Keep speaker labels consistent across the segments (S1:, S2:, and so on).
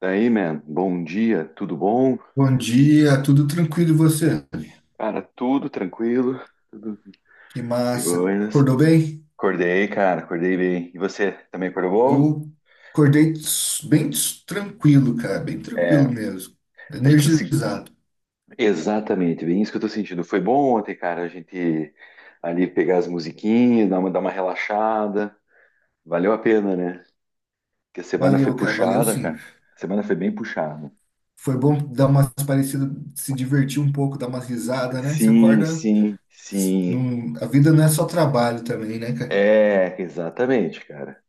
S1: Daí, man, bom dia, tudo bom?
S2: Bom dia, tudo tranquilo e você?
S1: Cara, tudo tranquilo, tudo
S2: Que
S1: de
S2: massa.
S1: boas.
S2: Acordou bem?
S1: Acordei, cara, acordei bem. E você também acordou bom?
S2: Eu acordei bem tranquilo, cara, bem
S1: É,
S2: tranquilo mesmo.
S1: a gente conseguiu.
S2: Energizado.
S1: Exatamente, bem isso que eu tô sentindo. Foi bom ontem, cara, a gente ali pegar as musiquinhas, dar uma relaxada. Valeu a pena, né? Porque a semana foi
S2: Valeu, cara, valeu
S1: puxada,
S2: sim.
S1: cara. A semana foi bem puxada.
S2: Foi bom dar umas parecidas, se divertir um pouco, dar umas risadas, né? Você
S1: Sim,
S2: acorda,
S1: sim, sim.
S2: a vida não é só trabalho também, né, cara?
S1: É, exatamente, cara.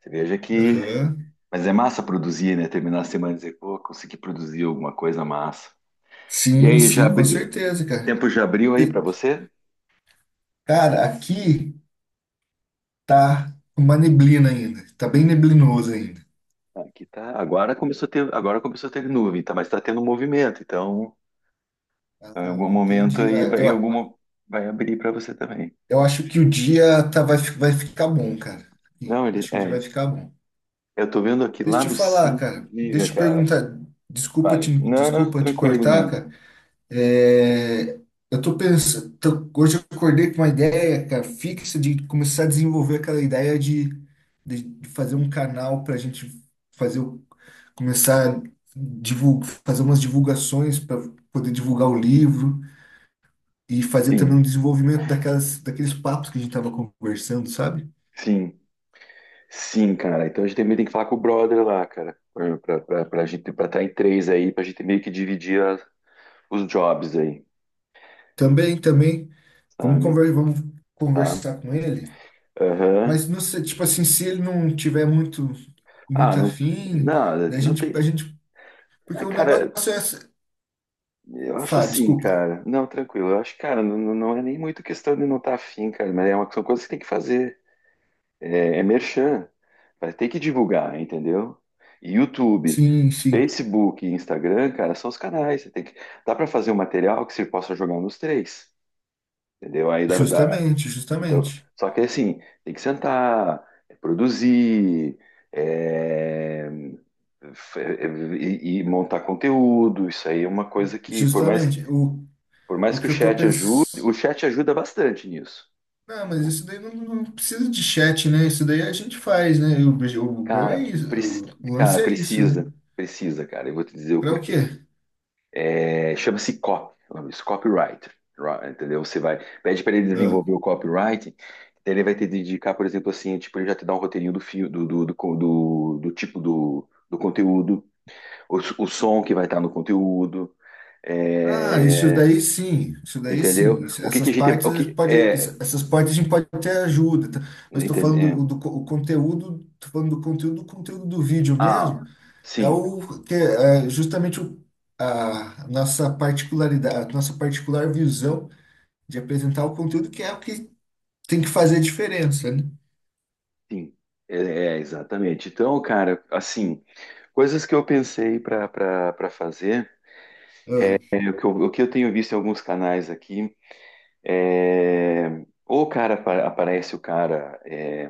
S1: Você veja que
S2: Aham.
S1: mas é massa produzir, né? Terminar a semana e dizer, pô, consegui produzir alguma coisa massa. E
S2: Sim,
S1: aí,
S2: sim, com certeza, cara.
S1: tempo já abriu aí
S2: E,
S1: para você?
S2: Cara, aqui tá uma neblina ainda, tá bem neblinoso ainda.
S1: Ah, aqui tá. Agora começou a ter nuvem, tá? Mas tá tendo movimento, então
S2: Ah,
S1: em algum momento
S2: entendi.
S1: aí vai,
S2: Eu,
S1: em alguma vai abrir para você também.
S2: Eu acho que o dia vai ficar bom, cara. Ih,
S1: Não, ele
S2: acho que o dia vai
S1: é.
S2: ficar bom.
S1: Eu tô vendo aqui
S2: Deixa
S1: lá
S2: eu
S1: no
S2: te falar,
S1: centro.
S2: cara.
S1: Diga,
S2: Deixa eu te
S1: cara.
S2: perguntar. Desculpa
S1: Pare.
S2: te,
S1: Não, não,
S2: desculpa te
S1: tranquilo
S2: cortar,
S1: mesmo.
S2: cara. É, eu tô pensando. Hoje eu acordei com uma ideia, cara, fixa de começar a desenvolver aquela ideia de fazer um canal pra gente fazer, começar a fazer umas divulgações para poder divulgar o livro e fazer também
S1: Sim,
S2: um desenvolvimento daquelas, daqueles papos que a gente tava conversando, sabe?
S1: sim, sim, cara. Então a gente também tem que falar com o brother lá, cara. Pra gente, pra estar em três aí, pra gente meio que dividir os jobs aí,
S2: Também, também. Vamos
S1: sabe?
S2: conver, vamos
S1: Tá?
S2: conversar com ele.
S1: Aham.
S2: Mas não sei, tipo assim, se ele não tiver muito,
S1: Ah,
S2: muito
S1: não,
S2: afim,
S1: não,
S2: da
S1: não
S2: gente, a
S1: tem.
S2: gente, porque
S1: ah,
S2: o negócio
S1: Cara,
S2: é.
S1: eu acho assim,
S2: Desculpa.
S1: cara. Não, tranquilo. Eu acho, cara, não, não, não é nem muito questão de não estar afim, cara, mas é uma, são coisas que tem que fazer. É merchan. Vai ter que divulgar, entendeu? YouTube,
S2: Sim, sim.
S1: Facebook e Instagram, cara, são os canais. Você tem que, dá para fazer um material que você possa jogar nos três, entendeu? Aí dá, dá,
S2: Justamente,
S1: então,
S2: justamente,
S1: só que assim, tem que sentar, produzir, é, f- é, e montar conteúdo. Isso aí é uma coisa que, por mais,
S2: justamente. O,
S1: por mais
S2: o
S1: que
S2: que
S1: o
S2: eu tô
S1: chat ajude,
S2: pensando.
S1: o chat ajuda bastante nisso.
S2: Não, mas isso daí não, não precisa de chat, né? Isso daí a gente faz, né? O bom é
S1: Cara,
S2: isso. O
S1: cara,
S2: lance é isso, né?
S1: precisa, cara. Eu vou te dizer o
S2: Pra o quê?
S1: porquê. É, chama-se copy, o nome disso, copyright, entendeu? Você vai, pede para ele
S2: Ah.
S1: desenvolver o copyright, daí ele vai ter de indicar, por exemplo, assim, tipo, ele já te dá um roteirinho do fio, do tipo do conteúdo, o, o som que vai estar no conteúdo,
S2: Ah, isso
S1: é,
S2: daí sim, isso daí sim.
S1: entendeu? O que que
S2: Essas
S1: a gente, o
S2: partes
S1: que,
S2: pode,
S1: é,
S2: essas partes a gente pode ter ajuda, tá? Mas estou
S1: entende,
S2: falando do o conteúdo, tô falando do conteúdo, o conteúdo do vídeo
S1: ah,
S2: mesmo, é
S1: sim,
S2: o que é justamente a nossa particularidade, a nossa particular visão de apresentar o conteúdo, que é o que tem que fazer a diferença, né?
S1: sim, é, exatamente. Então, cara, assim, coisas que eu pensei para fazer,
S2: Ah,
S1: e o que eu, o que eu tenho visto em alguns canais aqui é. Ou o cara aparece, o cara é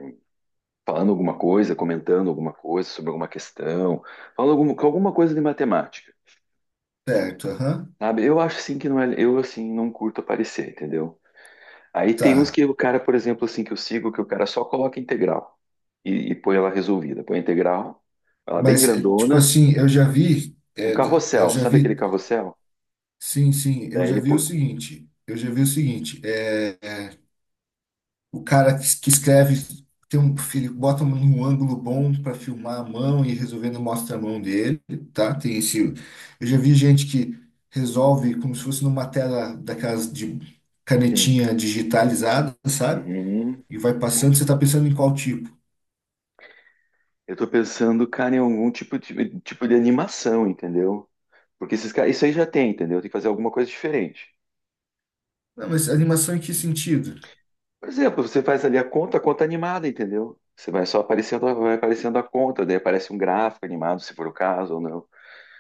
S1: falando alguma coisa, comentando alguma coisa sobre alguma questão, falando alguma coisa de matemática,
S2: certo, aham,
S1: sabe? Eu acho assim que não é, eu assim não curto aparecer, entendeu? Aí tem uns
S2: tá.
S1: que o cara, por exemplo, assim que eu sigo, que o cara só coloca integral e põe ela resolvida, põe a integral, ela bem
S2: Mas é, tipo
S1: grandona,
S2: assim, eu já vi,
S1: um
S2: é, d- eu
S1: carrossel,
S2: já
S1: sabe aquele
S2: vi,
S1: carrossel?
S2: sim, sim, eu
S1: Daí
S2: já
S1: ele
S2: vi o
S1: põe,
S2: seguinte, eu já vi o seguinte. O cara que escreve tem um filho, bota num ângulo bom para filmar a mão e resolvendo mostra a mão dele, tá? Tem esse. Eu já vi gente que resolve como se fosse numa tela daquelas de
S1: sim.
S2: canetinha digitalizada, sabe?
S1: Uhum.
S2: E vai passando, você tá pensando em qual tipo?
S1: Eu tô pensando, cara, em algum tipo de animação, entendeu? Porque esses caras, isso aí já tem, entendeu? Tem que fazer alguma coisa diferente.
S2: Não, mas animação em que sentido?
S1: Por exemplo, você faz ali a conta animada, entendeu? Você vai só aparecendo, vai aparecendo a conta, daí aparece um gráfico animado, se for o caso, ou não.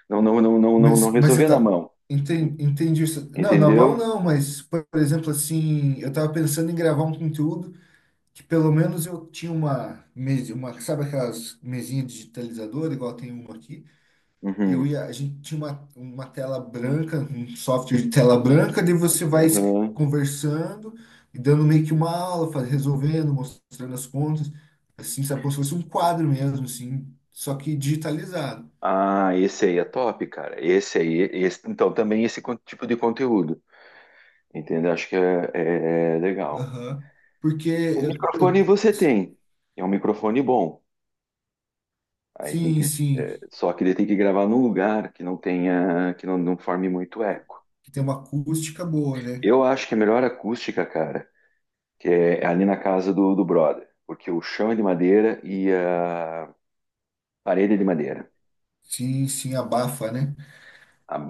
S1: Não, não, não, não, não, não
S2: Mas você
S1: resolver na
S2: tá.
S1: mão.
S2: Entendi, entendi isso. Não, na mão
S1: Entendeu?
S2: não, mas, por exemplo, assim, eu tava pensando em gravar um conteúdo que pelo menos eu tinha uma mesa, sabe aquelas mesinhas digitalizadoras, igual tem uma aqui? Eu
S1: Uhum.
S2: ia, a gente tinha uma tela branca, um software de tela branca, daí você vai
S1: Uhum.
S2: conversando e dando meio que uma aula, faz resolvendo, mostrando as contas, assim, sabe, como se fosse um quadro mesmo, assim, só que digitalizado.
S1: Ah, esse aí é top, cara. Esse aí, então, também esse tipo de conteúdo. Entendeu? Acho que é legal.
S2: Aham. Porque
S1: O
S2: eu, eu-.
S1: microfone você tem. É um microfone bom. Aí tem
S2: Sim,
S1: que,
S2: sim,
S1: só que ele tem que gravar num lugar que não tenha, que não forme muito eco.
S2: que tem uma acústica boa, né?
S1: Eu acho que a melhor acústica, cara, que é ali na casa do brother, porque o chão é de madeira e a parede é de madeira,
S2: Sim, sim, abafa, né?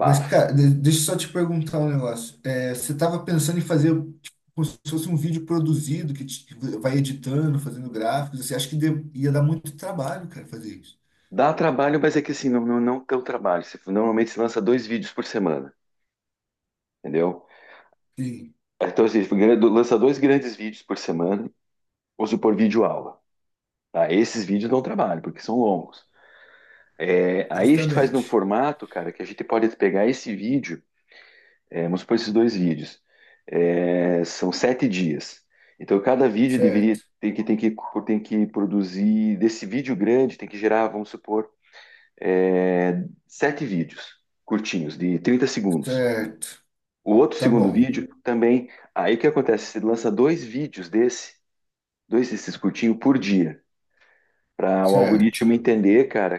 S2: Mas, cara, deixa eu só te perguntar um negócio. É, você estava pensando em fazer tipo, como se fosse um vídeo produzido que vai editando, fazendo gráficos. Você acha que ia dar muito trabalho, cara, fazer isso?
S1: Dá trabalho, mas é que assim, não, não, não tão trabalho. Você, normalmente se lança dois vídeos por semana, entendeu?
S2: Sim,
S1: Então, assim, lança dois grandes vídeos por semana, ou supor vídeo aula. Tá? Esses vídeos dão trabalho, porque são longos. É, aí a gente faz num
S2: justamente.
S1: formato, cara, que a gente pode pegar esse vídeo, vamos supor esses dois vídeos, são 7 dias. Então cada vídeo
S2: Certo,
S1: deveria tem que produzir, desse vídeo grande, tem que gerar, vamos supor, sete vídeos curtinhos, de 30 segundos.
S2: certo.
S1: O outro
S2: Tá
S1: segundo
S2: bom,
S1: vídeo também, aí o que acontece? Você lança dois vídeos desse, dois desses curtinhos por dia, para o
S2: certo.
S1: algoritmo entender, cara,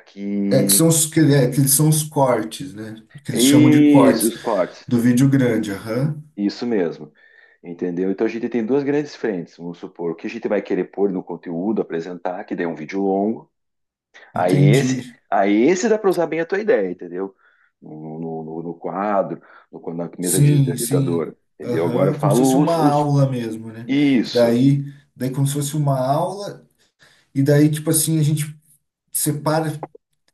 S2: É que
S1: que.
S2: são os cortes, né? Que eles chamam de
S1: Isso,
S2: cortes
S1: os cortes.
S2: do vídeo grande. Aham,
S1: Isso mesmo, entendeu? Então a gente tem duas grandes frentes, vamos supor, o que a gente vai querer pôr no conteúdo, apresentar, que daí é um vídeo longo. Aí esse,
S2: entendi.
S1: aí esse dá para usar bem a tua ideia, entendeu? No quadro, no, na mesa
S2: Sim, sim.
S1: digitalizadora, entendeu? Agora eu
S2: Aham, como se fosse
S1: falo
S2: uma
S1: os.
S2: aula mesmo, né?
S1: Isso,
S2: Daí. Daí, como se fosse uma aula. E daí, tipo assim, a gente separa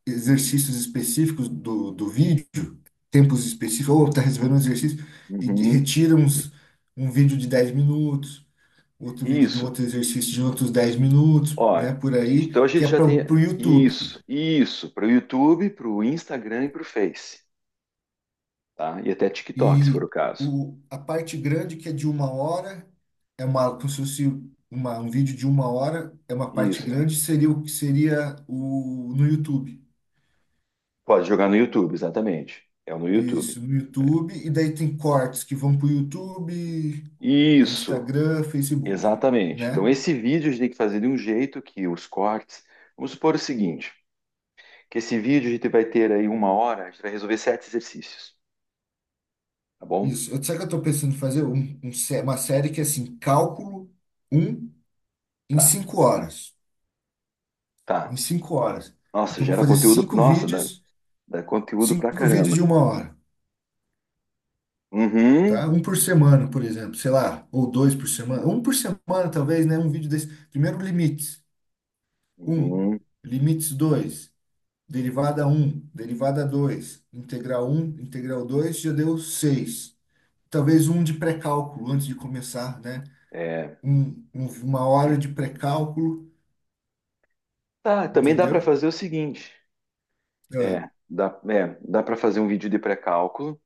S2: exercícios específicos do vídeo, tempos específicos, ou tá resolvendo um exercício, e
S1: uhum,
S2: retira um vídeo de 10 minutos, outro vídeo de um
S1: isso.
S2: outro exercício de outros 10 minutos,
S1: Ó,
S2: né, por
S1: então
S2: aí,
S1: a
S2: que
S1: gente
S2: é
S1: já
S2: para
S1: tem
S2: o YouTube.
S1: isso, para o YouTube, para o Instagram e para o Face, tá? E até TikTok, se for
S2: E
S1: o caso.
S2: a parte grande, que é de uma hora, é uma, como se fosse uma, um vídeo de uma hora, é uma parte
S1: Isso,
S2: grande, seria o que seria o, no YouTube.
S1: pode jogar no YouTube, exatamente. É no YouTube.
S2: Isso, no YouTube, e daí tem cortes que vão pro YouTube, é
S1: Isso,
S2: Instagram, Facebook,
S1: exatamente. Então,
S2: né?
S1: esse vídeo a gente tem que fazer de um jeito que os cortes. Vamos supor o seguinte: que esse vídeo a gente vai ter aí uma hora, a gente vai resolver sete exercícios. Tá bom?
S2: Isso. Eu- Sabe o que eu tô pensando em fazer? Uma série que é assim, cálculo um em
S1: Tá,
S2: 5 horas. Em
S1: tá.
S2: 5 horas.
S1: Nossa,
S2: Então eu vou
S1: gera
S2: fazer
S1: conteúdo. Nossa, dá, dá conteúdo pra
S2: cinco vídeos de
S1: caramba.
S2: uma hora,
S1: Uhum,
S2: tá? Um por semana, por exemplo, sei lá, ou dois por semana. Um por semana, talvez, né? Um vídeo desse. Primeiro, limites. Um.
S1: uhum.
S2: Limites dois, derivada um, derivada 2, integral um, integral 2, já deu 6. Talvez um de pré-cálculo antes de começar, né?
S1: É.
S2: Uma hora de pré-cálculo,
S1: Tá, também dá para
S2: entendeu?
S1: fazer o seguinte:
S2: Ah,
S1: dá para fazer um vídeo de pré-cálculo.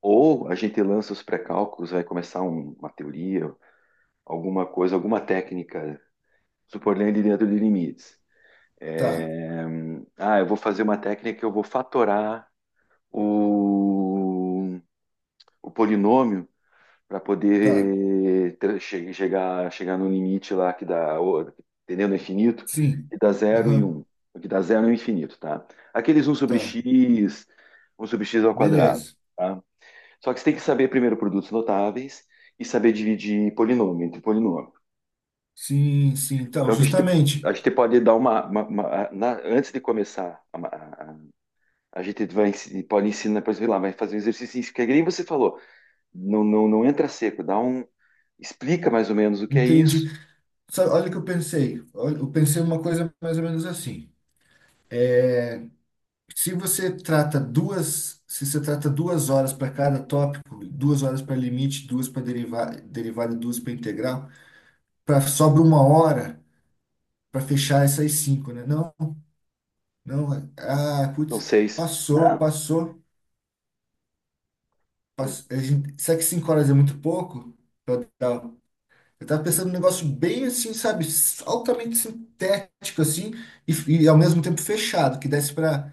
S1: Ou a gente lança os pré-cálculos, vai começar uma teoria, alguma coisa, alguma técnica, supor ele dentro de limites.
S2: tá,
S1: É, eu vou fazer uma técnica que eu vou fatorar o, o polinômio para
S2: tá,
S1: poder chegar no limite lá que dá, entendeu? No infinito,
S2: sim,
S1: que dá zero e
S2: aham,
S1: um, que dá zero e um infinito, tá? Aqueles
S2: tá,
S1: um sobre x ao quadrado,
S2: beleza.
S1: tá? Só que você tem que saber primeiro produtos notáveis e saber dividir polinômio entre polinômio.
S2: Sim, sim, então,
S1: Então, que a gente,
S2: justamente,
S1: a gente pode dar antes de começar, a- a gente vai, pode ensinar, por exemplo, lá, vai fazer um exercício, que é que nem você falou, não, não, não entra seco, dá um. Explica mais ou menos o que é
S2: entendi.
S1: isso.
S2: Sabe, olha o que eu pensei, olha, eu pensei uma coisa mais ou menos assim. Se você trata 2 horas para cada tópico, 2 horas para limite, duas para derivar, derivada, e duas para integral, sobra uma hora para fechar essas cinco, né? Não, não, ah,
S1: Não
S2: putz,
S1: sei se.
S2: passou,
S1: Não.
S2: passou, passou. Será que 5 horas é muito pouco? Eu tava eu tava pensando num negócio bem assim, sabe, altamente sintético assim, e ao mesmo tempo fechado, que desse para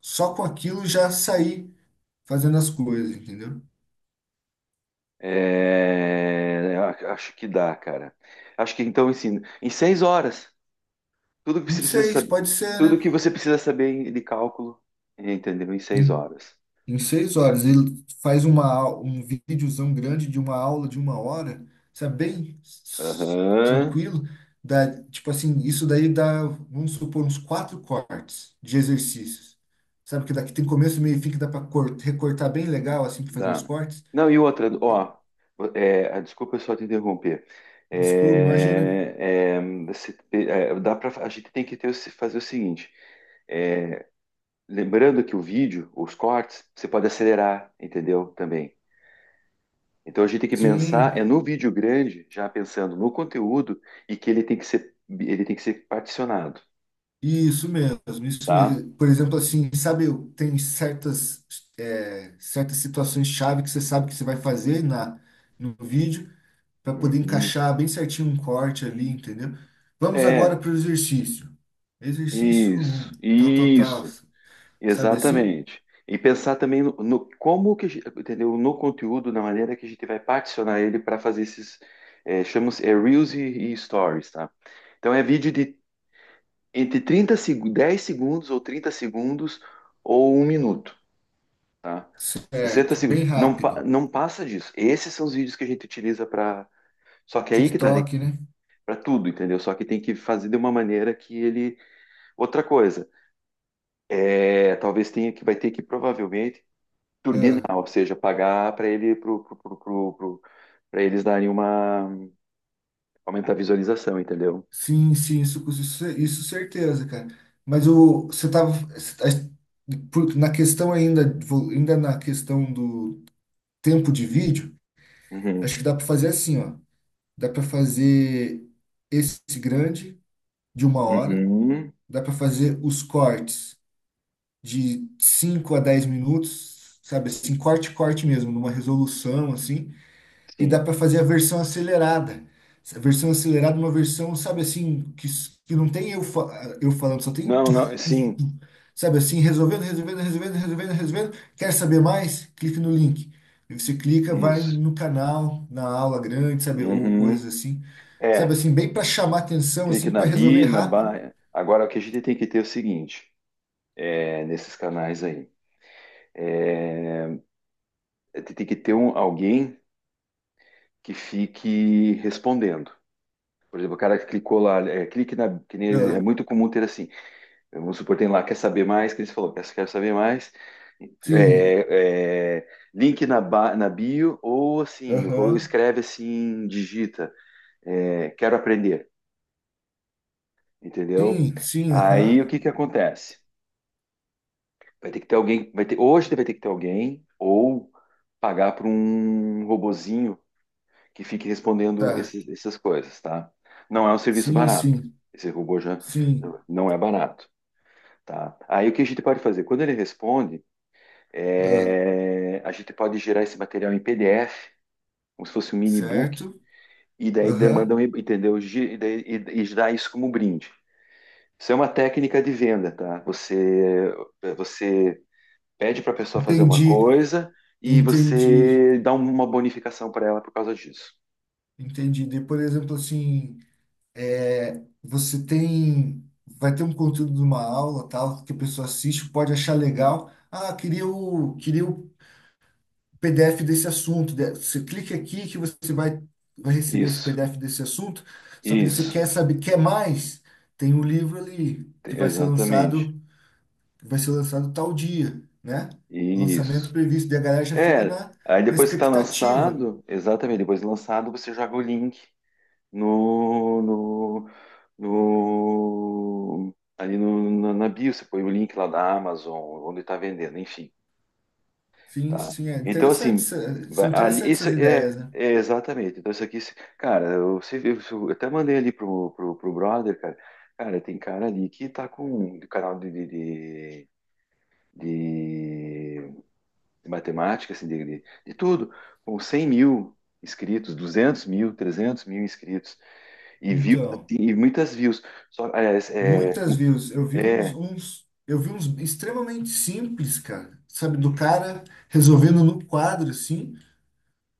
S2: só com aquilo já sair fazendo as coisas, entendeu?
S1: É, acho que dá, cara. Acho que então ensina. Em 6 horas, tudo que você
S2: Em
S1: precisa
S2: seis,
S1: saber,
S2: pode ser,
S1: tudo que
S2: né?
S1: você precisa saber de cálculo, entendeu? Em seis
S2: Em,
S1: horas.
S2: em 6 horas. Ele faz um videozão grande de uma aula de uma hora, sabe? Bem
S1: Aham.
S2: tranquilo. Dá, tipo assim, isso daí dá, vamos supor, uns quatro cortes de exercícios. Sabe que daqui tem começo, meio e fim que dá para recortar bem legal, assim, para fazer uns
S1: Dá.
S2: cortes.
S1: Não, e outra, ó, desculpa só te interromper.
S2: Desculpa, imagina.
S1: Dá pra, a gente tem que ter, o se- fazer o seguinte: é, lembrando que o vídeo, os cortes, você pode acelerar, entendeu? Também. Então a gente tem que pensar é
S2: Sim,
S1: no vídeo grande, já pensando no conteúdo e que ele tem que ser particionado,
S2: isso mesmo, isso
S1: tá?
S2: mesmo. Por exemplo, assim, sabe, tem certas situações chave que você sabe que você vai fazer no vídeo para poder
S1: Uhum.
S2: encaixar bem certinho um corte ali, entendeu? Vamos agora
S1: É,
S2: para o exercício. Exercício um,
S1: isso,
S2: tal, tal, tal.
S1: isso.
S2: Sabe assim?
S1: Exatamente. E pensar também no como que, entendeu? No conteúdo, na maneira que a gente vai particionar ele para fazer esses, chamamos, Reels e Stories, tá? Então é vídeo de entre 30 seg 10 segundos ou 30 segundos ou um minuto, tá? 60
S2: Certo,
S1: segundos.
S2: bem
S1: Não,
S2: rápido.
S1: não passa disso. Esses são os vídeos que a gente utiliza para. Só que é aí que tá,
S2: TikTok, né?
S1: para tudo, entendeu? Só que tem que fazer de uma maneira que ele. Outra coisa, talvez tenha que, vai ter que provavelmente turbinar,
S2: Ah.
S1: ou seja, pagar para ele pra eles darem uma aumentar a visualização, entendeu?
S2: Sim, sim, isso certeza, cara. Mas você tava na questão ainda, ainda na questão do tempo de vídeo,
S1: Uhum.
S2: acho que dá para fazer assim, ó. Dá para fazer esse grande de uma hora,
S1: Uhum.
S2: dá para fazer os cortes de 5 a 10 minutos, sabe? Assim, corte, corte mesmo, numa resolução assim. E dá
S1: Sim.
S2: para fazer a versão acelerada. A versão acelerada, é uma versão, sabe assim, que não tem eu, eu falando, só tem
S1: Não,
S2: tu,
S1: não,
S2: tu,
S1: sim.
S2: tu. Sabe assim, resolvendo, resolvendo, resolvendo, resolvendo, resolvendo. Quer saber mais? Clique no link. Aí você clica, vai
S1: Isso.
S2: no canal, na aula grande, sabe, ou coisas
S1: Uhum.
S2: assim. Sabe
S1: É,
S2: assim, bem para chamar atenção,
S1: clique
S2: assim,
S1: na
S2: para resolver
S1: bi, na
S2: rápido.
S1: ba. Agora o que a gente tem que ter é o seguinte, nesses canais aí, tem que ter um, alguém que fique respondendo. Por exemplo, o cara que clicou lá, clique na, que nem, é
S2: Ah,
S1: muito comum ter assim, vamos supor, tem lá, quer saber mais? Que eles falou, quer saber mais?
S2: sim,
S1: É, é, link na bio, ou assim, ou
S2: aham,
S1: escreve assim, digita, quero aprender, entendeu?
S2: sim, sim,
S1: Aí o
S2: aham,
S1: que que acontece? Vai ter que ter alguém, vai ter, hoje vai ter que ter alguém, ou pagar para um robozinho que fique respondendo
S2: tá,
S1: esses, essas coisas, tá? Não é um serviço
S2: sim,
S1: barato.
S2: sim,
S1: Esse robô já
S2: sim,
S1: não é barato, tá? Aí o que a gente pode fazer? Quando ele responde,
S2: ah,
S1: é, a gente pode gerar esse material em PDF, como se fosse um mini book,
S2: certo,
S1: e daí
S2: aham.
S1: demandam, entendeu? E daí, e dá isso como brinde. Isso é uma técnica de venda, tá? Você pede para a pessoa fazer uma
S2: Entendi,
S1: coisa e
S2: entendi,
S1: você dá um, uma bonificação para ela por causa disso.
S2: entendi. De, por exemplo, assim, é, você tem, vai ter um conteúdo de uma aula, tal, que a pessoa assiste, pode achar legal. Ah, queria o PDF desse assunto. Você clica aqui que você vai receber esse
S1: Isso,
S2: PDF desse assunto. Só que daí você
S1: isso,
S2: quer saber, quer mais? Tem um livro ali que vai ser
S1: exatamente,
S2: lançado, que vai ser lançado tal dia, né? Lançamento
S1: isso.
S2: previsto. Daí a galera já fica
S1: É,
S2: na,
S1: aí
S2: na
S1: depois que está
S2: expectativa.
S1: lançado, exatamente, depois de lançado, você joga o link no, no, no ali no, na, na bio, você põe o link lá da Amazon, onde está vendendo, enfim,
S2: Sim,
S1: tá?
S2: sim, é
S1: Então,
S2: interessante,
S1: assim,
S2: são
S1: ali,
S2: interessantes
S1: isso
S2: essas
S1: é,
S2: ideias, né?
S1: exatamente. Então, isso aqui, se- cara, eu, se- eu, se- eu até mandei ali pro brother, cara, cara, tem cara ali que tá com o canal de de matemática, assim, de tudo, com 100 mil inscritos, 200 mil, 300 mil inscritos, e views,
S2: Então,
S1: assim, e muitas views. Só, aliás, é,
S2: muitas views. Eu vi
S1: é,
S2: uns extremamente simples, cara. Sabe, do cara resolvendo no quadro, assim,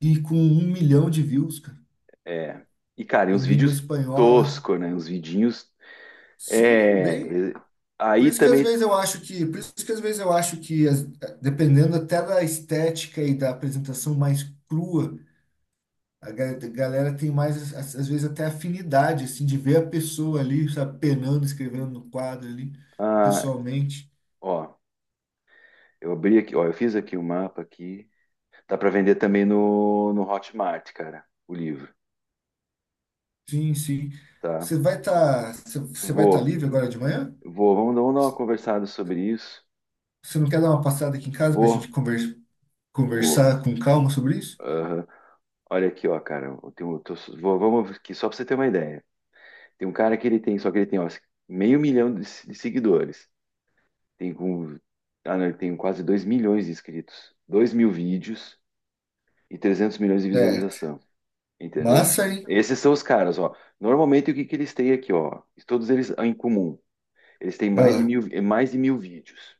S2: e com 1 milhão de views, cara,
S1: é. E, cara, e
S2: em
S1: uns
S2: língua
S1: vídeos
S2: espanhola.
S1: tosco, né? Uns vidinhos.
S2: Sim,
S1: É.
S2: bem.
S1: e-
S2: Por
S1: Aí
S2: isso que às
S1: também.
S2: vezes eu acho que, por isso que às vezes eu acho que, dependendo até da estética e da apresentação mais crua. A galera tem mais, às vezes, até afinidade, assim, de ver a pessoa ali, sabe, penando, escrevendo no quadro ali,
S1: ah,
S2: pessoalmente.
S1: Ó, eu abri aqui, ó, eu fiz aqui o mapa aqui. Dá pra vender também no Hotmart, cara, o livro,
S2: Sim, sim.
S1: tá?
S2: Você vai estar
S1: Vou,
S2: livre agora de manhã?
S1: vamos dar uma conversada sobre isso.
S2: Você não quer dar uma passada aqui em casa pra
S1: Vou,
S2: gente
S1: vou.
S2: conversar com calma sobre isso?
S1: Aham. Olha aqui, ó, cara, eu tenho, vou, vamos aqui, só pra você ter uma ideia. Tem um cara que ele tem, só que ele tem, ó, meio milhão de, se- de seguidores. Tem, com, não, ele tem quase 2 milhões de inscritos. 2 mil vídeos e 300 milhões de
S2: Certo.
S1: visualização. Entendeu?
S2: Massa, hein?
S1: Esses são os caras, ó. Normalmente, o que, que eles têm aqui, ó? Todos eles em comum. Eles têm
S2: Ah,
S1: mais de 1.000 vídeos,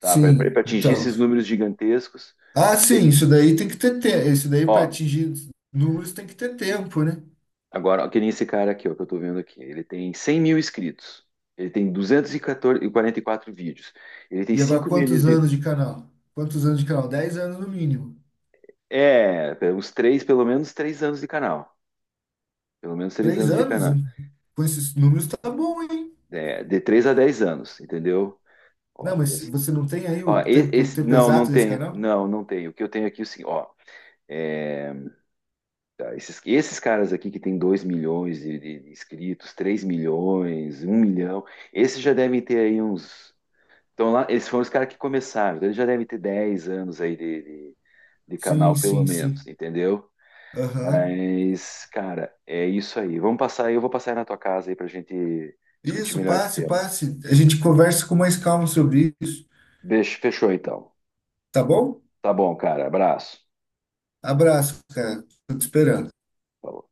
S1: tá? Para
S2: sim,
S1: atingir
S2: então.
S1: esses números gigantescos.
S2: Ah,
S1: Bem,
S2: sim, isso daí tem que ter tempo. Isso daí
S1: ó,
S2: para atingir números tem que ter tempo, né?
S1: agora, ó, que nem esse cara aqui, ó, que eu tô vendo aqui. Ele tem 100 mil inscritos. Ele tem duzentos e quarenta e quatro vídeos. Ele tem
S2: E agora,
S1: 5 milhões
S2: quantos
S1: de,
S2: anos de canal? Quantos anos de canal? 10 anos no mínimo.
S1: é, uns três, pelo menos 3 anos de canal. Pelo menos três
S2: Três
S1: anos de
S2: anos
S1: canal.
S2: com esses números tá bom, hein?
S1: É, de 3 a 10 anos, entendeu?
S2: Não,
S1: Ó, tem,
S2: mas você não tem aí o tempo
S1: não, não
S2: exato desse
S1: tenho.
S2: canal?
S1: Não, não tenho. O que eu tenho aqui, assim, ó. é, tá, esses caras aqui que tem 2 milhões de inscritos, 3 milhões, um milhão, esses já devem ter aí uns. Então lá, esses foram os caras que começaram, então eles já devem ter 10 anos aí de
S2: Sim,
S1: canal, pelo
S2: sim,
S1: menos,
S2: sim.
S1: entendeu?
S2: Aham.
S1: Mas, cara, é isso aí. Vamos passar aí, eu vou passar aí na tua casa aí pra gente discutir
S2: Isso,
S1: melhor esse
S2: passe,
S1: tema.
S2: passe. A gente conversa com mais calma sobre isso,
S1: Beijo, fechou então.
S2: tá bom?
S1: Tá bom, cara. Abraço.
S2: Abraço, cara. Tô te esperando.
S1: Falou.